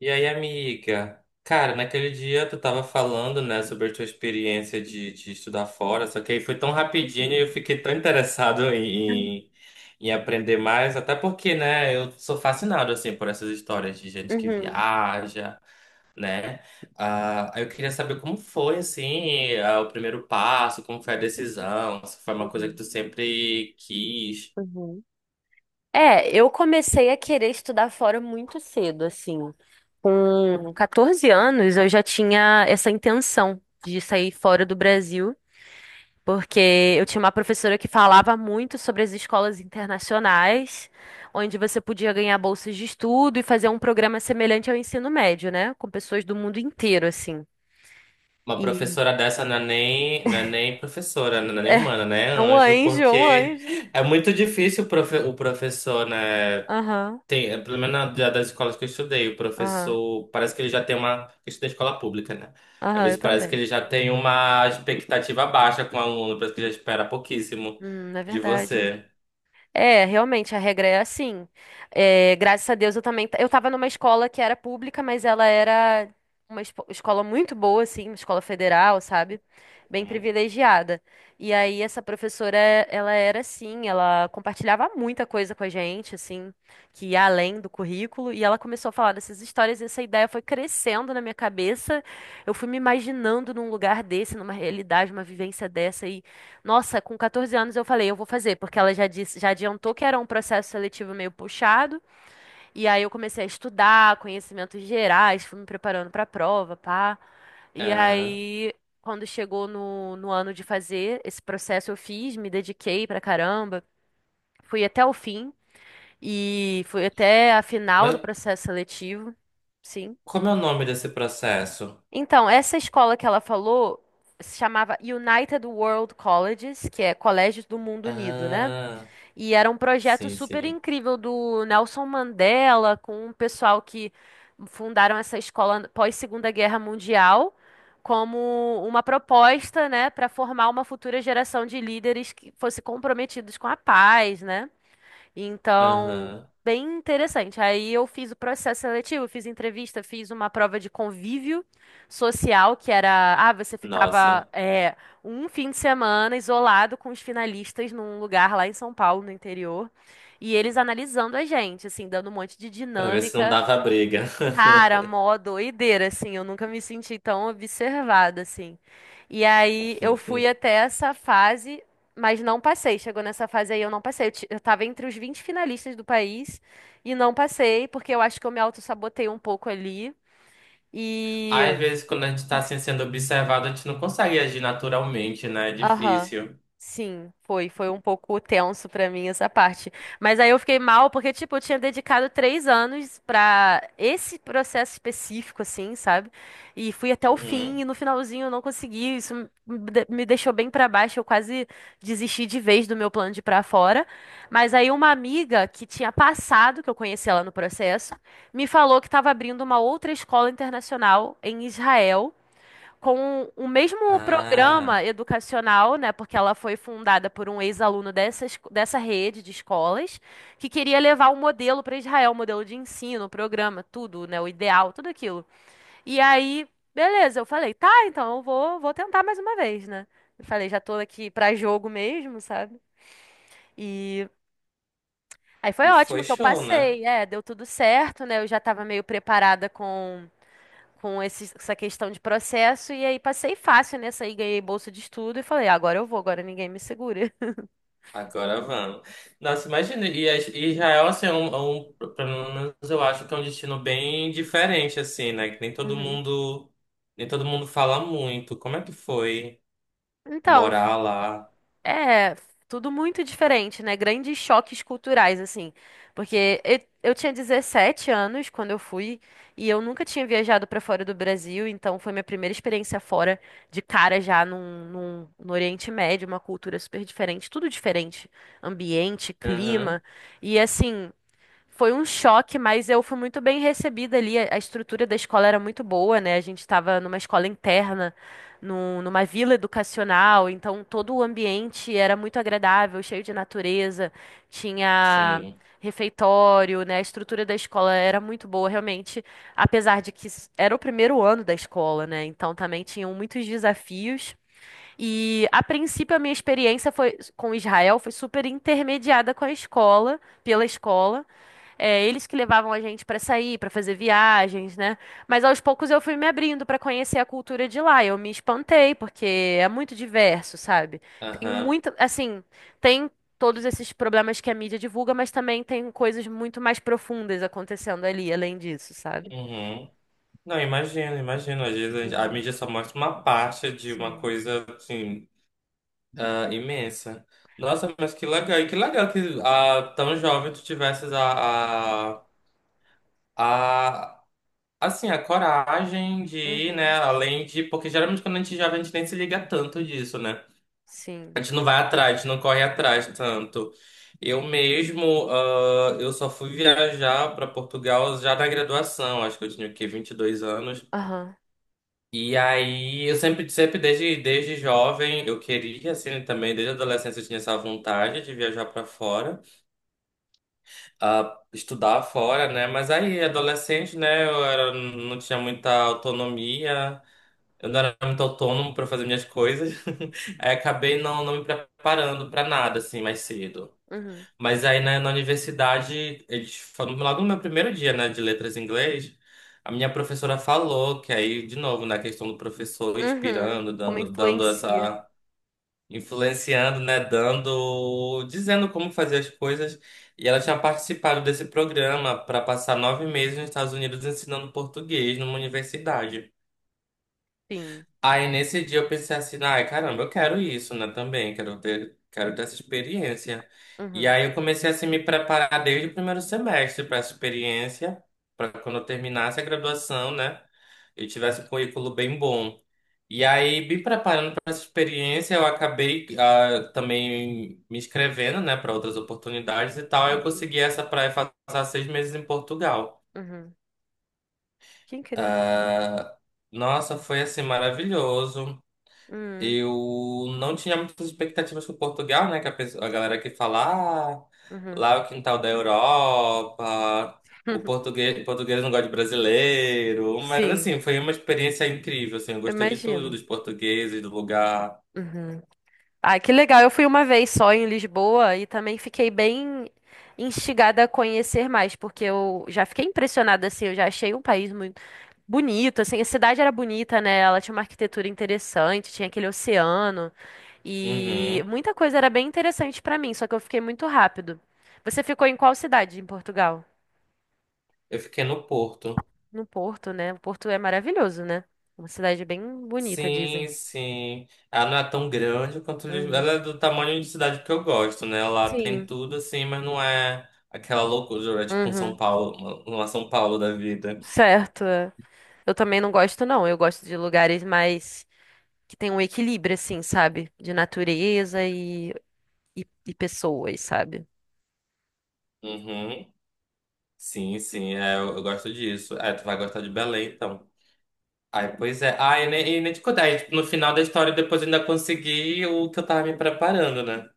E aí, amiga? Cara, naquele dia tu tava falando, né, sobre a tua experiência de estudar fora, só que aí foi tão rapidinho e Uhum. eu fiquei tão interessado em aprender mais, até porque, né, eu sou fascinado, assim, por essas histórias de gente que Uhum. viaja, né? Ah, aí eu queria saber como foi, assim, ah, o primeiro passo, como foi a decisão, se foi uma coisa que Uhum, tu sempre quis. uhum. É, eu comecei a querer estudar fora muito cedo, assim. Com 14 anos, eu já tinha essa intenção de sair fora do Brasil, porque eu tinha uma professora que falava muito sobre as escolas internacionais, onde você podia ganhar bolsas de estudo e fazer um programa semelhante ao ensino médio, né? Com pessoas do mundo inteiro, assim. Uma E professora dessa não é nem, não é nem professora, não é nem humana, né? é um Anjo, anjo, é um porque anjo. é muito difícil o professor, né? Aham, Tem, é, pelo menos das escolas que eu estudei, o aham, professor parece que ele já tem uma. Eu estudei escola pública, né? Às aham, eu vezes parece que também. ele já tem uma expectativa baixa com o aluno, parece que já espera pouquíssimo É de verdade. você. É, realmente, a regra é assim. É, graças a Deus eu também. Eu tava numa escola que era pública, mas ela era uma escola muito boa, assim, uma escola federal, sabe? Bem Uhum. privilegiada. E aí, essa professora, ela era assim, ela compartilhava muita coisa com a gente, assim, que ia além do currículo. E ela começou a falar dessas histórias, e essa ideia foi crescendo na minha cabeça. Eu fui me imaginando num lugar desse, numa realidade, uma vivência dessa. Nossa, com 14 anos eu falei, eu vou fazer, porque ela já disse, já adiantou que era um processo seletivo meio puxado, e aí eu comecei a estudar conhecimentos gerais, fui me preparando para a prova, pá. E Aham. aí, quando chegou no ano de fazer esse processo, eu fiz, me dediquei pra caramba, fui até o fim e fui até a final Mas do processo seletivo, sim. como é o nome desse processo? Então, essa escola que ela falou se chamava United World Colleges, que é Colégios do Mundo Unido, né? Ah, E era um projeto sim, super sim. incrível do Nelson Mandela, com o pessoal que fundaram essa escola pós-Segunda Guerra Mundial, como uma proposta, né, para formar uma futura geração de líderes que fosse comprometidos com a paz, né? Então, Aham. bem interessante. Aí eu fiz o processo seletivo, fiz entrevista, fiz uma prova de convívio social, que era, ah, você ficava Nossa. é, um fim de semana isolado com os finalistas num lugar lá em São Paulo, no interior, e eles analisando a gente, assim, dando um monte de Pra ver se não dinâmica. dava briga. Cara, mó doideira, assim, eu nunca me senti tão observada, assim. E aí eu fui até essa fase, mas não passei. Chegou nessa fase aí, eu não passei. Eu tava entre os 20 finalistas do país e não passei, porque eu acho que eu me autossabotei um pouco ali. Às vezes, quando a gente tá assim sendo observado, a gente não consegue agir naturalmente, né? É Aham. difícil. Sim, foi, foi um pouco tenso pra mim essa parte. Mas aí eu fiquei mal porque, tipo, eu tinha dedicado três anos pra esse processo específico, assim, sabe? E fui até o fim Uhum. e no finalzinho eu não consegui. Isso me deixou bem pra baixo. Eu quase desisti de vez do meu plano de ir pra fora. Mas aí uma amiga que tinha passado, que eu conheci ela no processo, me falou que estava abrindo uma outra escola internacional em Israel com o mesmo programa Ah, educacional, né, porque ela foi fundada por um ex-aluno dessa rede de escolas, que queria levar o modelo para Israel, o modelo de ensino, o programa, tudo, né, o ideal, tudo aquilo. E aí, beleza, eu falei, tá, então eu vou tentar mais uma vez, né? Eu falei, já tô aqui para jogo mesmo, sabe? E aí foi e foi ótimo que eu show, né? passei, é, deu tudo certo, né? Eu já tava meio preparada com essa questão de processo e aí passei fácil nessa aí, ganhei bolsa de estudo e falei, "Ah, agora eu vou, agora ninguém me segura. Agora vamos. Nossa, imagina, e a- e Israel, assim, é um- pelo menos eu acho que é um destino bem diferente, assim, né? Que nem todo Uhum. mundo, nem todo mundo fala muito. Como é que foi Então, morar lá? é tudo muito diferente, né? Grandes choques culturais, assim. Porque eu tinha 17 anos quando eu fui e eu nunca tinha viajado para fora do Brasil, então foi minha primeira experiência fora de cara já no Oriente Médio, uma cultura super diferente, tudo diferente, ambiente, Aham, clima. E assim. Foi um choque, mas eu fui muito bem recebida ali. A estrutura da escola era muito boa, né? A gente estava numa escola interna, numa vila educacional, então todo o ambiente era muito agradável, cheio de natureza, tinha sim. refeitório, né? A estrutura da escola era muito boa, realmente, apesar de que era o primeiro ano da escola, né? Então também tinham muitos desafios. E a princípio a minha experiência foi com Israel foi super intermediada com a escola, pela escola. É, eles que levavam a gente pra sair, pra fazer viagens, né? Mas aos poucos eu fui me abrindo pra conhecer a cultura de lá. Eu me espantei, porque é muito diverso, sabe? Tem Aham, muito, assim, tem todos esses problemas que a mídia divulga, mas também tem coisas muito mais profundas acontecendo ali, além disso, sabe? uhum. Não, imagino, imagino. Às vezes a Uhum, mídia só mostra uma parte de uma sim. coisa, assim, ah, imensa. Nossa, mas que legal. E que legal que ah, tão jovem tu tivesses a, assim, a coragem de ir, né, Uhum. além de... Porque geralmente quando a gente é jovem, a gente nem se liga tanto disso, né? A Sim. gente não vai atrás, a gente não corre atrás tanto. Eu mesmo, ah, eu só fui viajar para Portugal já na graduação. Acho que eu tinha o quê? 22 anos. Aham. E aí, eu sempre desde jovem, eu queria, assim, também, desde a adolescência, eu tinha essa vontade de viajar para fora, ah, estudar fora, né? Mas aí, adolescente, né, eu era, não tinha muita autonomia, eu não era muito autônomo para fazer minhas coisas, aí acabei não, não me preparando para nada, assim, mais cedo. Uhum. Mas aí né, na universidade, eles falam logo no meu primeiro dia, né, de letras em inglês, a minha professora falou que aí, de novo, na questão do professor Uhum. inspirando, Como dando influencia. essa, influenciando, né, dando, dizendo como fazer as coisas. E ela tinha participado desse programa para passar 9 meses nos Estados Unidos ensinando português numa universidade. Sim. Aí nesse dia eu pensei assim, ai caramba, eu quero isso, né, também, quero ter essa experiência. E Uhum. aí eu comecei assim, a me preparar desde o primeiro semestre para essa experiência, para quando eu terminasse a graduação, né, eu tivesse um currículo bem bom. E aí, me preparando para essa experiência, eu acabei ah, também me inscrevendo, né, para outras oportunidades e tal. Aí eu Uhum. consegui essa para passar 6 meses em Portugal. Uhum. Que incrível. Ah, nossa, foi assim maravilhoso. Uhum. Eu não tinha muitas expectativas com Portugal, né? Que a galera que fala, ah, Uhum. lá é o quintal da Europa, o português não gosta de brasileiro. Mas Sim. assim, foi uma experiência incrível, assim, eu Eu gostei de tudo, imagino. dos portugueses, do lugar. Uhum. Ah, que legal. Eu fui uma vez só em Lisboa e também fiquei bem instigada a conhecer mais, porque eu já fiquei impressionada, assim, eu já achei um país muito bonito, assim, a cidade era bonita, né? Ela tinha uma arquitetura interessante, tinha aquele oceano e Uhum. muita coisa era bem interessante pra mim, só que eu fiquei muito rápido. Você ficou em qual cidade em Portugal? Eu fiquei no Porto. No Porto, né? O Porto é maravilhoso, né? Uma cidade bem bonita, dizem. Sim, sim. Ela não é tão grande quanto Lisboa. Uhum. Ela é do tamanho de cidade que eu gosto, né? Ela tem Sim. tudo assim, mas não é aquela loucura, é tipo um São Uhum. Paulo, uma São Paulo da vida. Certo. É. Eu também não gosto, não. Eu gosto de lugares mais que tem um equilíbrio, assim, sabe? De natureza e, e pessoas, sabe? Uhum. Sim, sim, é, eu gosto disso. É, tu vai gostar de Belém, então. Ai, pois é. Ah, e nem te contar, aí, tipo, no final da história, depois eu ainda consegui o que eu tava me preparando, né?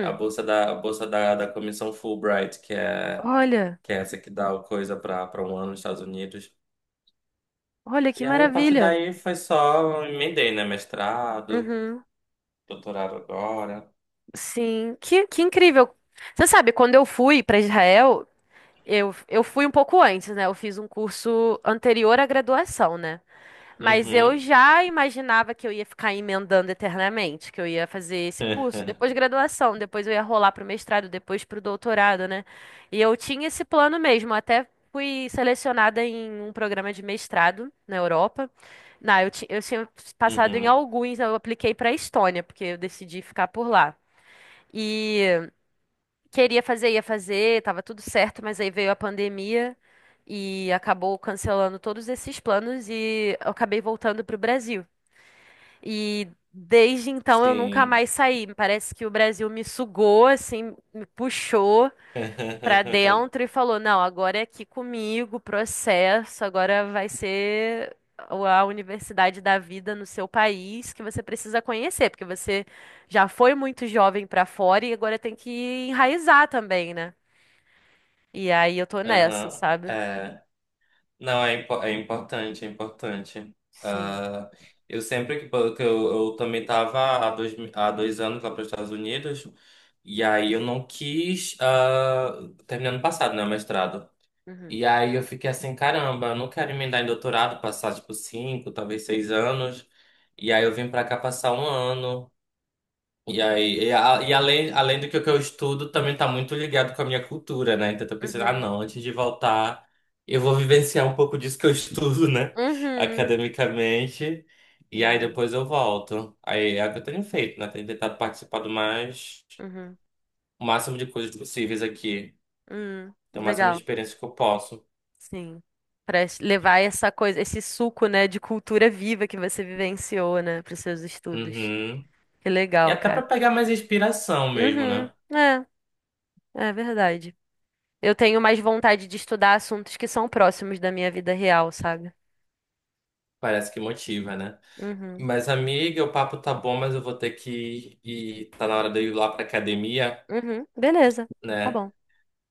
A bolsa da, da comissão Fulbright, que é, Olha, que é essa que dá o coisa pra, pra um ano nos Estados Unidos. olha que E aí, a partir maravilha. daí, foi só, emendei, né? Mestrado, Uhum. doutorado agora. Sim, que incrível. Você sabe, quando eu fui para Israel, eu fui um pouco antes, né? Eu fiz um curso anterior à graduação, né? Mas eu Uhum. já imaginava que eu ia ficar emendando eternamente, que eu ia fazer esse curso, depois graduação, depois eu ia rolar para o mestrado, depois para o doutorado, né? E eu tinha esse plano mesmo, até fui selecionada em um programa de mestrado na Europa. Não, eu tinha passado em Uhum. alguns, eu apliquei para a Estônia, porque eu decidi ficar por lá. E queria fazer, ia fazer, tava tudo certo, mas aí veio a pandemia e acabou cancelando todos esses planos e eu acabei voltando pro Brasil. E desde então eu nunca Sim. mais saí. Parece que o Brasil me sugou, assim, me puxou pra dentro e falou: não, agora é aqui comigo, processo, agora vai ser. A universidade da vida no seu país que você precisa conhecer, porque você já foi muito jovem pra fora e agora tem que enraizar também, né? E aí eu tô nessa, Aham. sabe? É. Não, é importante, é importante. Sim. Ah, eu sempre que, po- eu também estava há 2 anos lá para os Estados Unidos, e aí eu não quis, ah, terminar ano passado, né, o mestrado. Uhum. E aí eu fiquei assim, caramba, eu não quero emendar em doutorado, passar tipo 5, talvez 6 anos. E aí eu vim para cá passar um ano. E aí, e além do que eu estudo, também tá muito ligado com a minha cultura, né? Então eu tô pensando, ah, Uhum. não, antes de voltar, eu vou vivenciar um pouco disso que eu estudo, né? Uhum. Academicamente. E aí Uhum. depois eu volto. Aí é o que eu tenho feito, né? Tenho tentado participar do mais, Uhum. o máximo de coisas possíveis aqui. Uhum. Ter o máximo de Legal. experiência que eu posso. Sim. Levar essa coisa, esse suco, né, de cultura viva que você vivenciou, né, pros seus estudos. Uhum. Que E legal, até pra cara. pegar mais inspiração mesmo, Uhum. né? É, é verdade. Eu tenho mais vontade de estudar assuntos que são próximos da minha vida real, sabe? Parece que motiva, né? Uhum. Mas, amiga, o papo tá bom, mas eu vou ter que ir. Tá na hora de eu ir lá pra academia, Uhum. Beleza. Tá né? bom.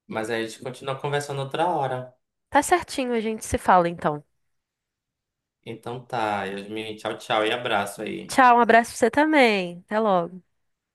Mas aí a gente continua conversando outra hora. Tá certinho, a gente se fala então. Então tá, Yasmin, tchau, tchau e abraço aí. Tchau, um abraço pra você também. Até logo.